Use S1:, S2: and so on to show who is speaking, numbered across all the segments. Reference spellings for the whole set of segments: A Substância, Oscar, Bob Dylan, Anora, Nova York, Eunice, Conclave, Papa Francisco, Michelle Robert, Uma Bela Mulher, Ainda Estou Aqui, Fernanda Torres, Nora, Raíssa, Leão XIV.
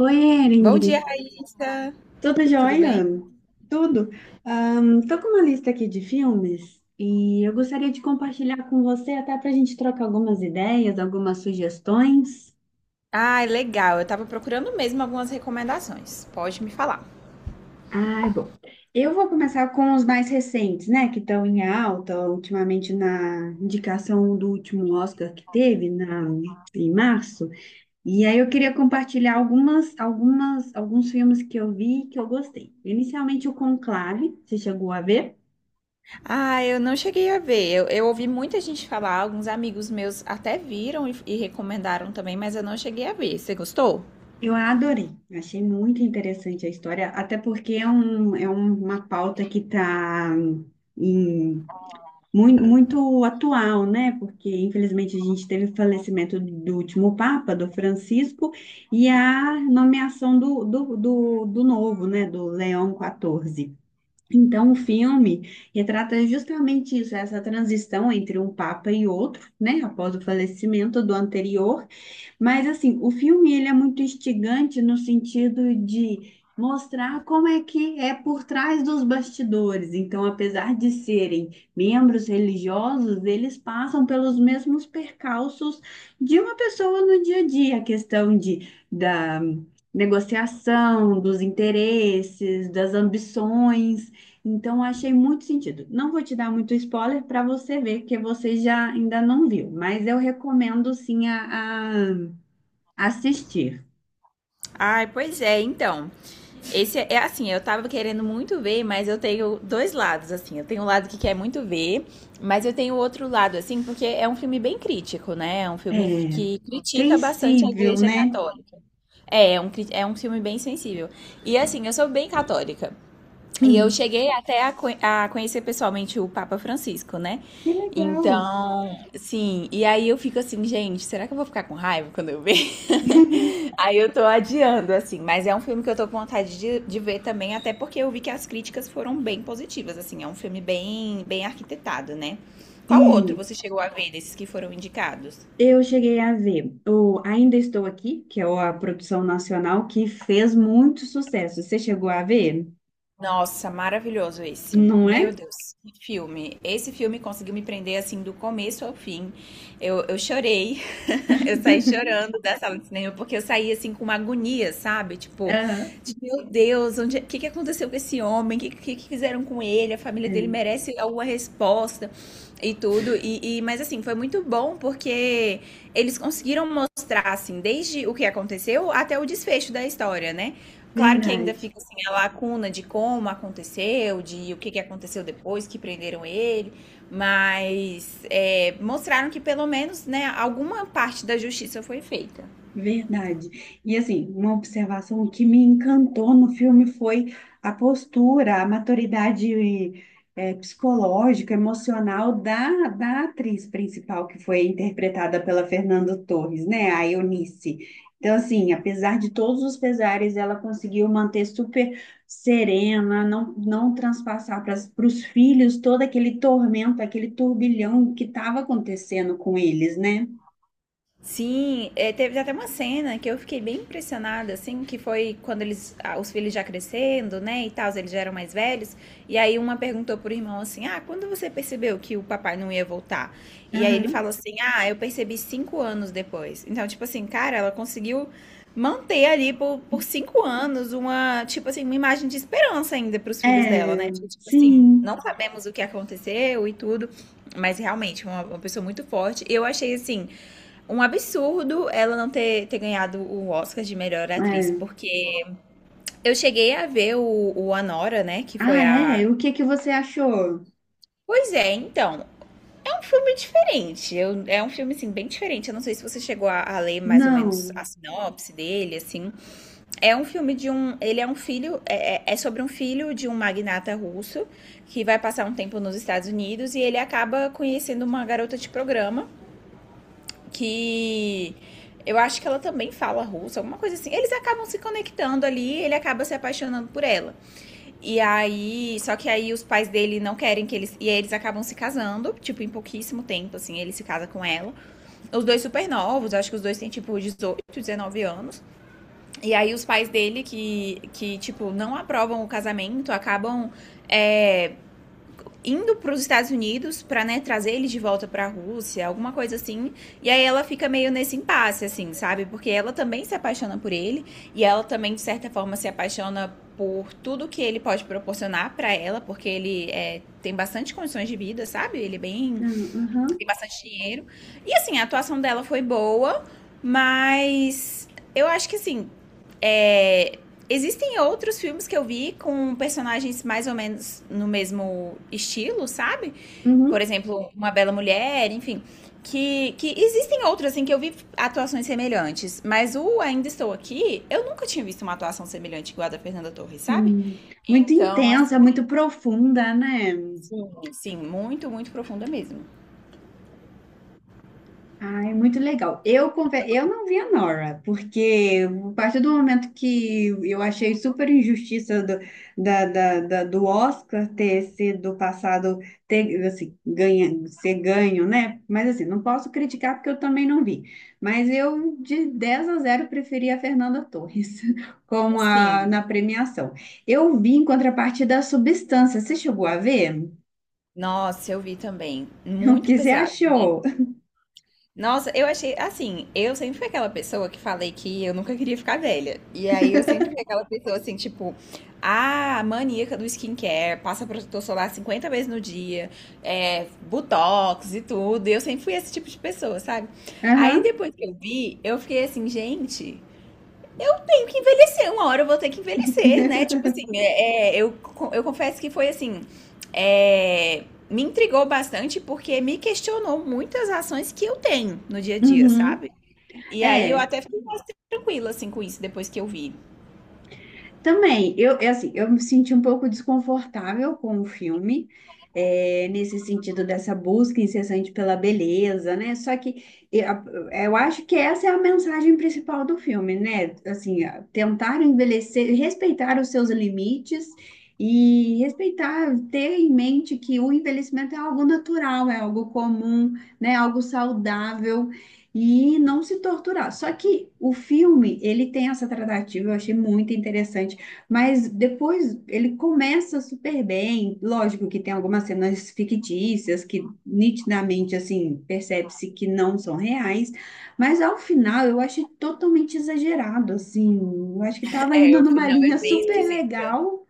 S1: Oi,
S2: Bom dia,
S1: Ingrid.
S2: Raíssa.
S1: Tudo
S2: Tudo
S1: jóia?
S2: bem?
S1: Tudo. Estou tô com uma lista aqui de filmes e eu gostaria de compartilhar com você até para a gente trocar algumas ideias, algumas sugestões.
S2: Ah, legal. Eu tava procurando mesmo algumas recomendações. Pode me falar.
S1: Ah, bom. Eu vou começar com os mais recentes, né, que estão em alta ultimamente na indicação do último Oscar que teve na, em março. E aí eu queria compartilhar alguns filmes que eu vi e que eu gostei. Inicialmente o Conclave, você chegou a ver?
S2: Ah, eu não cheguei a ver. Eu ouvi muita gente falar, alguns amigos meus até viram e recomendaram também, mas eu não cheguei a ver. Você gostou?
S1: Eu a adorei, achei muito interessante a história, até porque uma pauta que está muito atual, né? Porque infelizmente a gente teve o falecimento do último Papa, do Francisco, e a nomeação do novo, né? Do Leão XIV. Então, o filme retrata justamente isso, essa transição entre um Papa e outro, né? Após o falecimento do anterior. Mas assim, o filme ele é muito instigante no sentido de mostrar como é que é por trás dos bastidores. Então, apesar de serem membros religiosos, eles passam pelos mesmos percalços de uma pessoa no dia a dia, a questão de da negociação, dos interesses, das ambições. Então, achei muito sentido. Não vou te dar muito spoiler para você ver, porque você já ainda não viu, mas eu recomendo sim assistir.
S2: Ai, pois é, então. Esse é assim, eu tava querendo muito ver, mas eu tenho dois lados, assim. Eu tenho um lado que quer muito ver, mas eu tenho outro lado, assim, porque é um filme bem crítico, né? É um filme
S1: É,
S2: que critica bastante a
S1: sensível,
S2: Igreja
S1: né?
S2: Católica. É um filme bem sensível. E assim, eu sou bem católica. E eu
S1: Hum,
S2: cheguei até a conhecer pessoalmente o Papa Francisco, né?
S1: que legal.
S2: Então, sim. E aí eu fico assim, gente, será que eu vou ficar com raiva quando eu ver? Aí eu tô adiando, assim. Mas é um filme que eu tô com vontade de ver também, até porque eu vi que as críticas foram bem positivas, assim. É um filme bem, bem arquitetado, né? Qual outro
S1: Sim,
S2: você chegou a ver desses que foram indicados?
S1: eu cheguei a ver o Ainda Estou Aqui, que é a produção nacional que fez muito sucesso. Você chegou a ver?
S2: Nossa, maravilhoso esse.
S1: Não
S2: Meu
S1: é?
S2: Deus, que filme. Esse filme conseguiu me prender assim do começo ao fim. Eu chorei. Eu saí chorando da sala de cinema, porque eu saí assim com uma agonia, sabe? Tipo,
S1: Aham.
S2: de, meu Deus, onde, o que aconteceu com esse homem? O que fizeram com ele? A família dele
S1: É,
S2: merece alguma resposta e tudo. Mas assim, foi muito bom porque eles conseguiram mostrar, assim, desde o que aconteceu até o desfecho da história, né? Claro que ainda
S1: verdade.
S2: fica assim a lacuna de como aconteceu, de o que aconteceu depois que prenderam ele, mas é, mostraram que pelo menos, né, alguma parte da justiça foi feita.
S1: Verdade. E assim, uma observação que me encantou no filme foi a postura, a maturidade psicológica, emocional da atriz principal que foi interpretada pela Fernanda Torres, né? A Eunice. Então, assim, apesar de todos os pesares, ela conseguiu manter super serena, não transpassar para os filhos todo aquele tormento, aquele turbilhão que estava acontecendo com eles, né?
S2: Sim, é, teve até uma cena que eu fiquei bem impressionada, assim, que foi quando eles, ah, os filhos já crescendo, né, e tal, eles já eram mais velhos, e aí uma perguntou pro irmão assim, ah, quando você percebeu que o papai não ia voltar? E aí ele falou assim, ah, eu percebi 5 anos depois. Então, tipo assim, cara, ela conseguiu manter ali por 5 anos uma, tipo assim, uma imagem de esperança ainda pros filhos dela,
S1: É,
S2: né? Tipo assim,
S1: sim.
S2: não sabemos o que aconteceu e tudo, mas realmente, uma pessoa muito forte. Eu achei, assim, um absurdo ela não ter ganhado o Oscar de melhor atriz,
S1: É.
S2: porque eu cheguei a ver o Anora, né? Que foi
S1: Ah, é?
S2: a.
S1: O que que você achou?
S2: Pois é, então. É um filme diferente. Eu, é um filme, assim, bem diferente. Eu não sei se você chegou a ler mais ou menos a
S1: Não.
S2: sinopse dele, assim. É um filme de um. Ele é um filho. É sobre um filho de um magnata russo que vai passar um tempo nos Estados Unidos e ele acaba conhecendo uma garota de programa que eu acho que ela também fala russo, alguma coisa assim. Eles acabam se conectando ali, ele acaba se apaixonando por ela. E aí, só que aí os pais dele não querem que eles, e aí eles acabam se casando, tipo em pouquíssimo tempo assim, ele se casa com ela. Os dois super novos, acho que os dois têm tipo 18 19 anos. E aí os pais dele que tipo não aprovam o casamento, acabam é, indo para os Estados Unidos para, né, trazer ele de volta para a Rússia, alguma coisa assim. E aí ela fica meio nesse impasse, assim, sabe? Porque ela também se apaixona por ele e ela também de certa forma se apaixona por tudo que ele pode proporcionar para ela, porque ele é, tem bastante condições de vida, sabe? Ele é bem,
S1: Não, aham.
S2: tem bastante dinheiro. E assim, a atuação dela foi boa, mas eu acho que assim. É. Existem outros filmes que eu vi com personagens mais ou menos no mesmo estilo, sabe? Por
S1: Uhum.
S2: exemplo, Uma Bela Mulher, enfim. Que existem outros, assim, que eu vi atuações semelhantes. Mas o Ainda Estou Aqui, eu nunca tinha visto uma atuação semelhante igual a da Fernanda Torres, sabe?
S1: Sim. Muito
S2: Então, assim,
S1: intensa, muito profunda, né?
S2: sim, sim muito, muito profunda mesmo.
S1: Ai, muito legal. Eu não vi a Nora, porque a partir do momento que eu achei super injustiça do, da, da, da- do Oscar ter sido passado, ter, assim, ganha, ser ganho, né? Mas assim, não posso criticar porque eu também não vi. Mas eu, de 10 a zero preferi a Fernanda Torres como a, na
S2: Assim,
S1: premiação. Eu vi em contrapartida a Substância. Você chegou a ver?
S2: nossa, eu vi também.
S1: O
S2: Muito
S1: que você
S2: pesado, né?
S1: achou?
S2: Nossa, eu achei assim, eu sempre fui aquela pessoa que falei que eu nunca queria ficar velha. E aí eu sempre fui aquela pessoa assim, tipo, ah, maníaca do skincare, passa protetor solar 50 vezes no dia, é, botox e tudo. E eu sempre fui esse tipo de pessoa, sabe? Aí
S1: Aham.
S2: depois que eu vi, eu fiquei assim, gente, eu tenho que envelhecer, uma hora eu vou ter que envelhecer, né? Tipo assim, eu confesso que foi assim. É, me intrigou bastante porque me questionou muitas ações que eu tenho no dia a dia,
S1: Uhum.
S2: sabe? E aí eu
S1: É.
S2: até fiquei mais tranquila assim com isso depois que eu vi.
S1: Também, eu, é assim, eu me senti um pouco desconfortável com o filme, é, nesse sentido dessa busca incessante pela beleza, né? Só que eu, eu acho que essa é a mensagem principal do filme, né? Assim, a- tentar envelhecer, respeitar os seus limites e respeitar, ter em mente que o envelhecimento é algo natural, é algo comum, né? Algo saudável. E não se torturar. Só que o filme, ele tem essa tratativa, eu achei muito interessante, mas depois ele começa super bem. Lógico que tem algumas cenas fictícias que nitidamente assim percebe-se que não são reais, mas ao final eu achei totalmente exagerado assim. Eu acho que estava
S2: É,
S1: indo
S2: eu fui,
S1: numa
S2: não, é
S1: linha
S2: bem
S1: super
S2: esquisita.
S1: legal,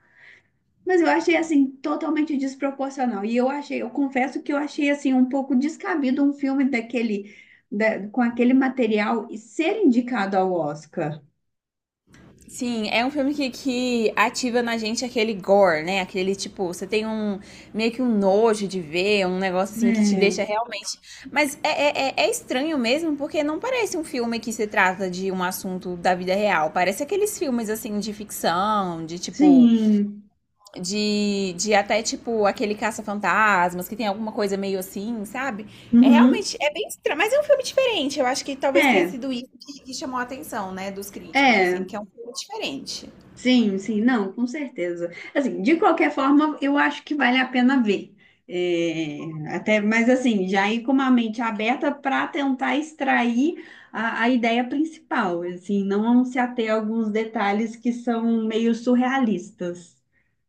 S1: mas eu achei assim totalmente desproporcional. E eu achei, eu confesso que eu achei assim um pouco descabido um filme daquele com aquele material e ser indicado ao Oscar.
S2: Sim, é um filme que ativa na gente aquele gore, né? Aquele tipo, você tem um meio que um nojo de ver, um negócio assim que te
S1: É,
S2: deixa realmente. Mas é estranho mesmo, porque não parece um filme que se trata de um assunto da vida real. Parece aqueles filmes assim de ficção, de tipo.
S1: sim.
S2: De até tipo aquele caça-fantasmas, que tem alguma coisa meio assim, sabe? É
S1: Uhum.
S2: realmente, é bem estranho, mas é um filme diferente. Eu acho que talvez tenha
S1: É.
S2: sido isso que chamou a atenção, né, dos críticos, assim, é
S1: É,
S2: que é um filme diferente.
S1: sim, sim, não, com certeza. Assim, de qualquer forma, eu acho que vale a pena ver. É, até, mas assim, já ir com uma mente aberta para tentar extrair a ideia principal, assim, não se ater a alguns detalhes que são meio surrealistas.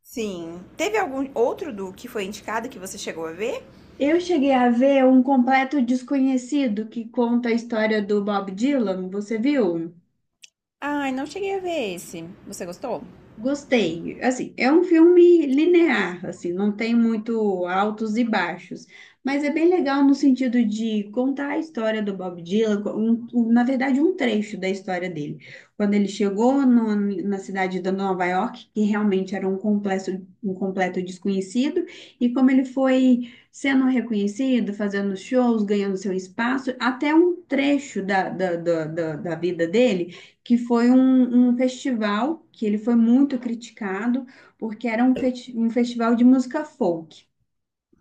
S2: Sim. Teve algum outro do que foi indicado que você chegou a ver?
S1: Eu cheguei a ver um completo desconhecido que conta a história do Bob Dylan, você viu?
S2: Ai, não cheguei a ver esse. Você gostou?
S1: Gostei. Assim, é um filme linear, assim, não tem muito altos e baixos, mas é bem legal no sentido de contar a história do Bob Dylan, na verdade, um trecho da história dele. Quando ele chegou na cidade de Nova York, que realmente era um completo desconhecido, e como ele foi sendo reconhecido, fazendo shows, ganhando seu espaço, até um trecho da vida dele que foi um, um festival que ele foi muito criticado, porque era um, um festival de música folk,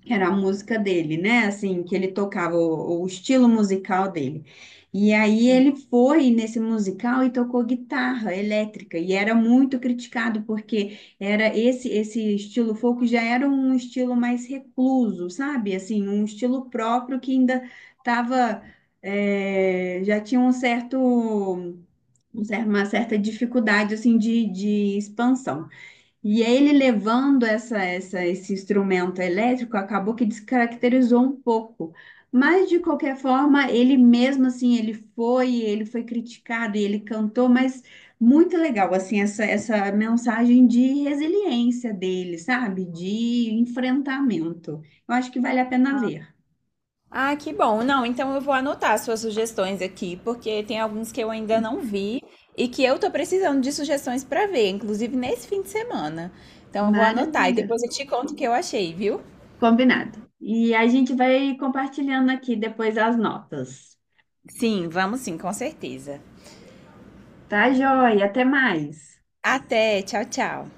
S1: que era a música dele, né? Assim, que ele tocava o estilo musical dele. E aí
S2: Sim.
S1: ele foi nesse musical e tocou guitarra elétrica, e era muito criticado, porque era esse estilo folk já era um estilo mais recluso, sabe? Assim, um estilo próprio que ainda estava já tinha uma certa dificuldade assim de expansão. E ele levando esse instrumento elétrico acabou que descaracterizou um pouco. Mas de qualquer forma, ele mesmo assim, ele foi criticado e ele cantou, mas muito legal assim essa mensagem de resiliência dele, sabe? De enfrentamento. Eu acho que vale a pena ver.
S2: Ah, que bom. Não, então eu vou anotar suas sugestões aqui, porque tem alguns que eu ainda não vi e que eu tô precisando de sugestões para ver, inclusive nesse fim de semana. Então eu vou anotar e
S1: Maravilha.
S2: depois eu te conto o que eu achei, viu?
S1: Combinado. E a gente vai compartilhando aqui depois as notas.
S2: Sim, vamos sim, com certeza.
S1: Tá, joia. Até mais.
S2: Até, tchau, tchau.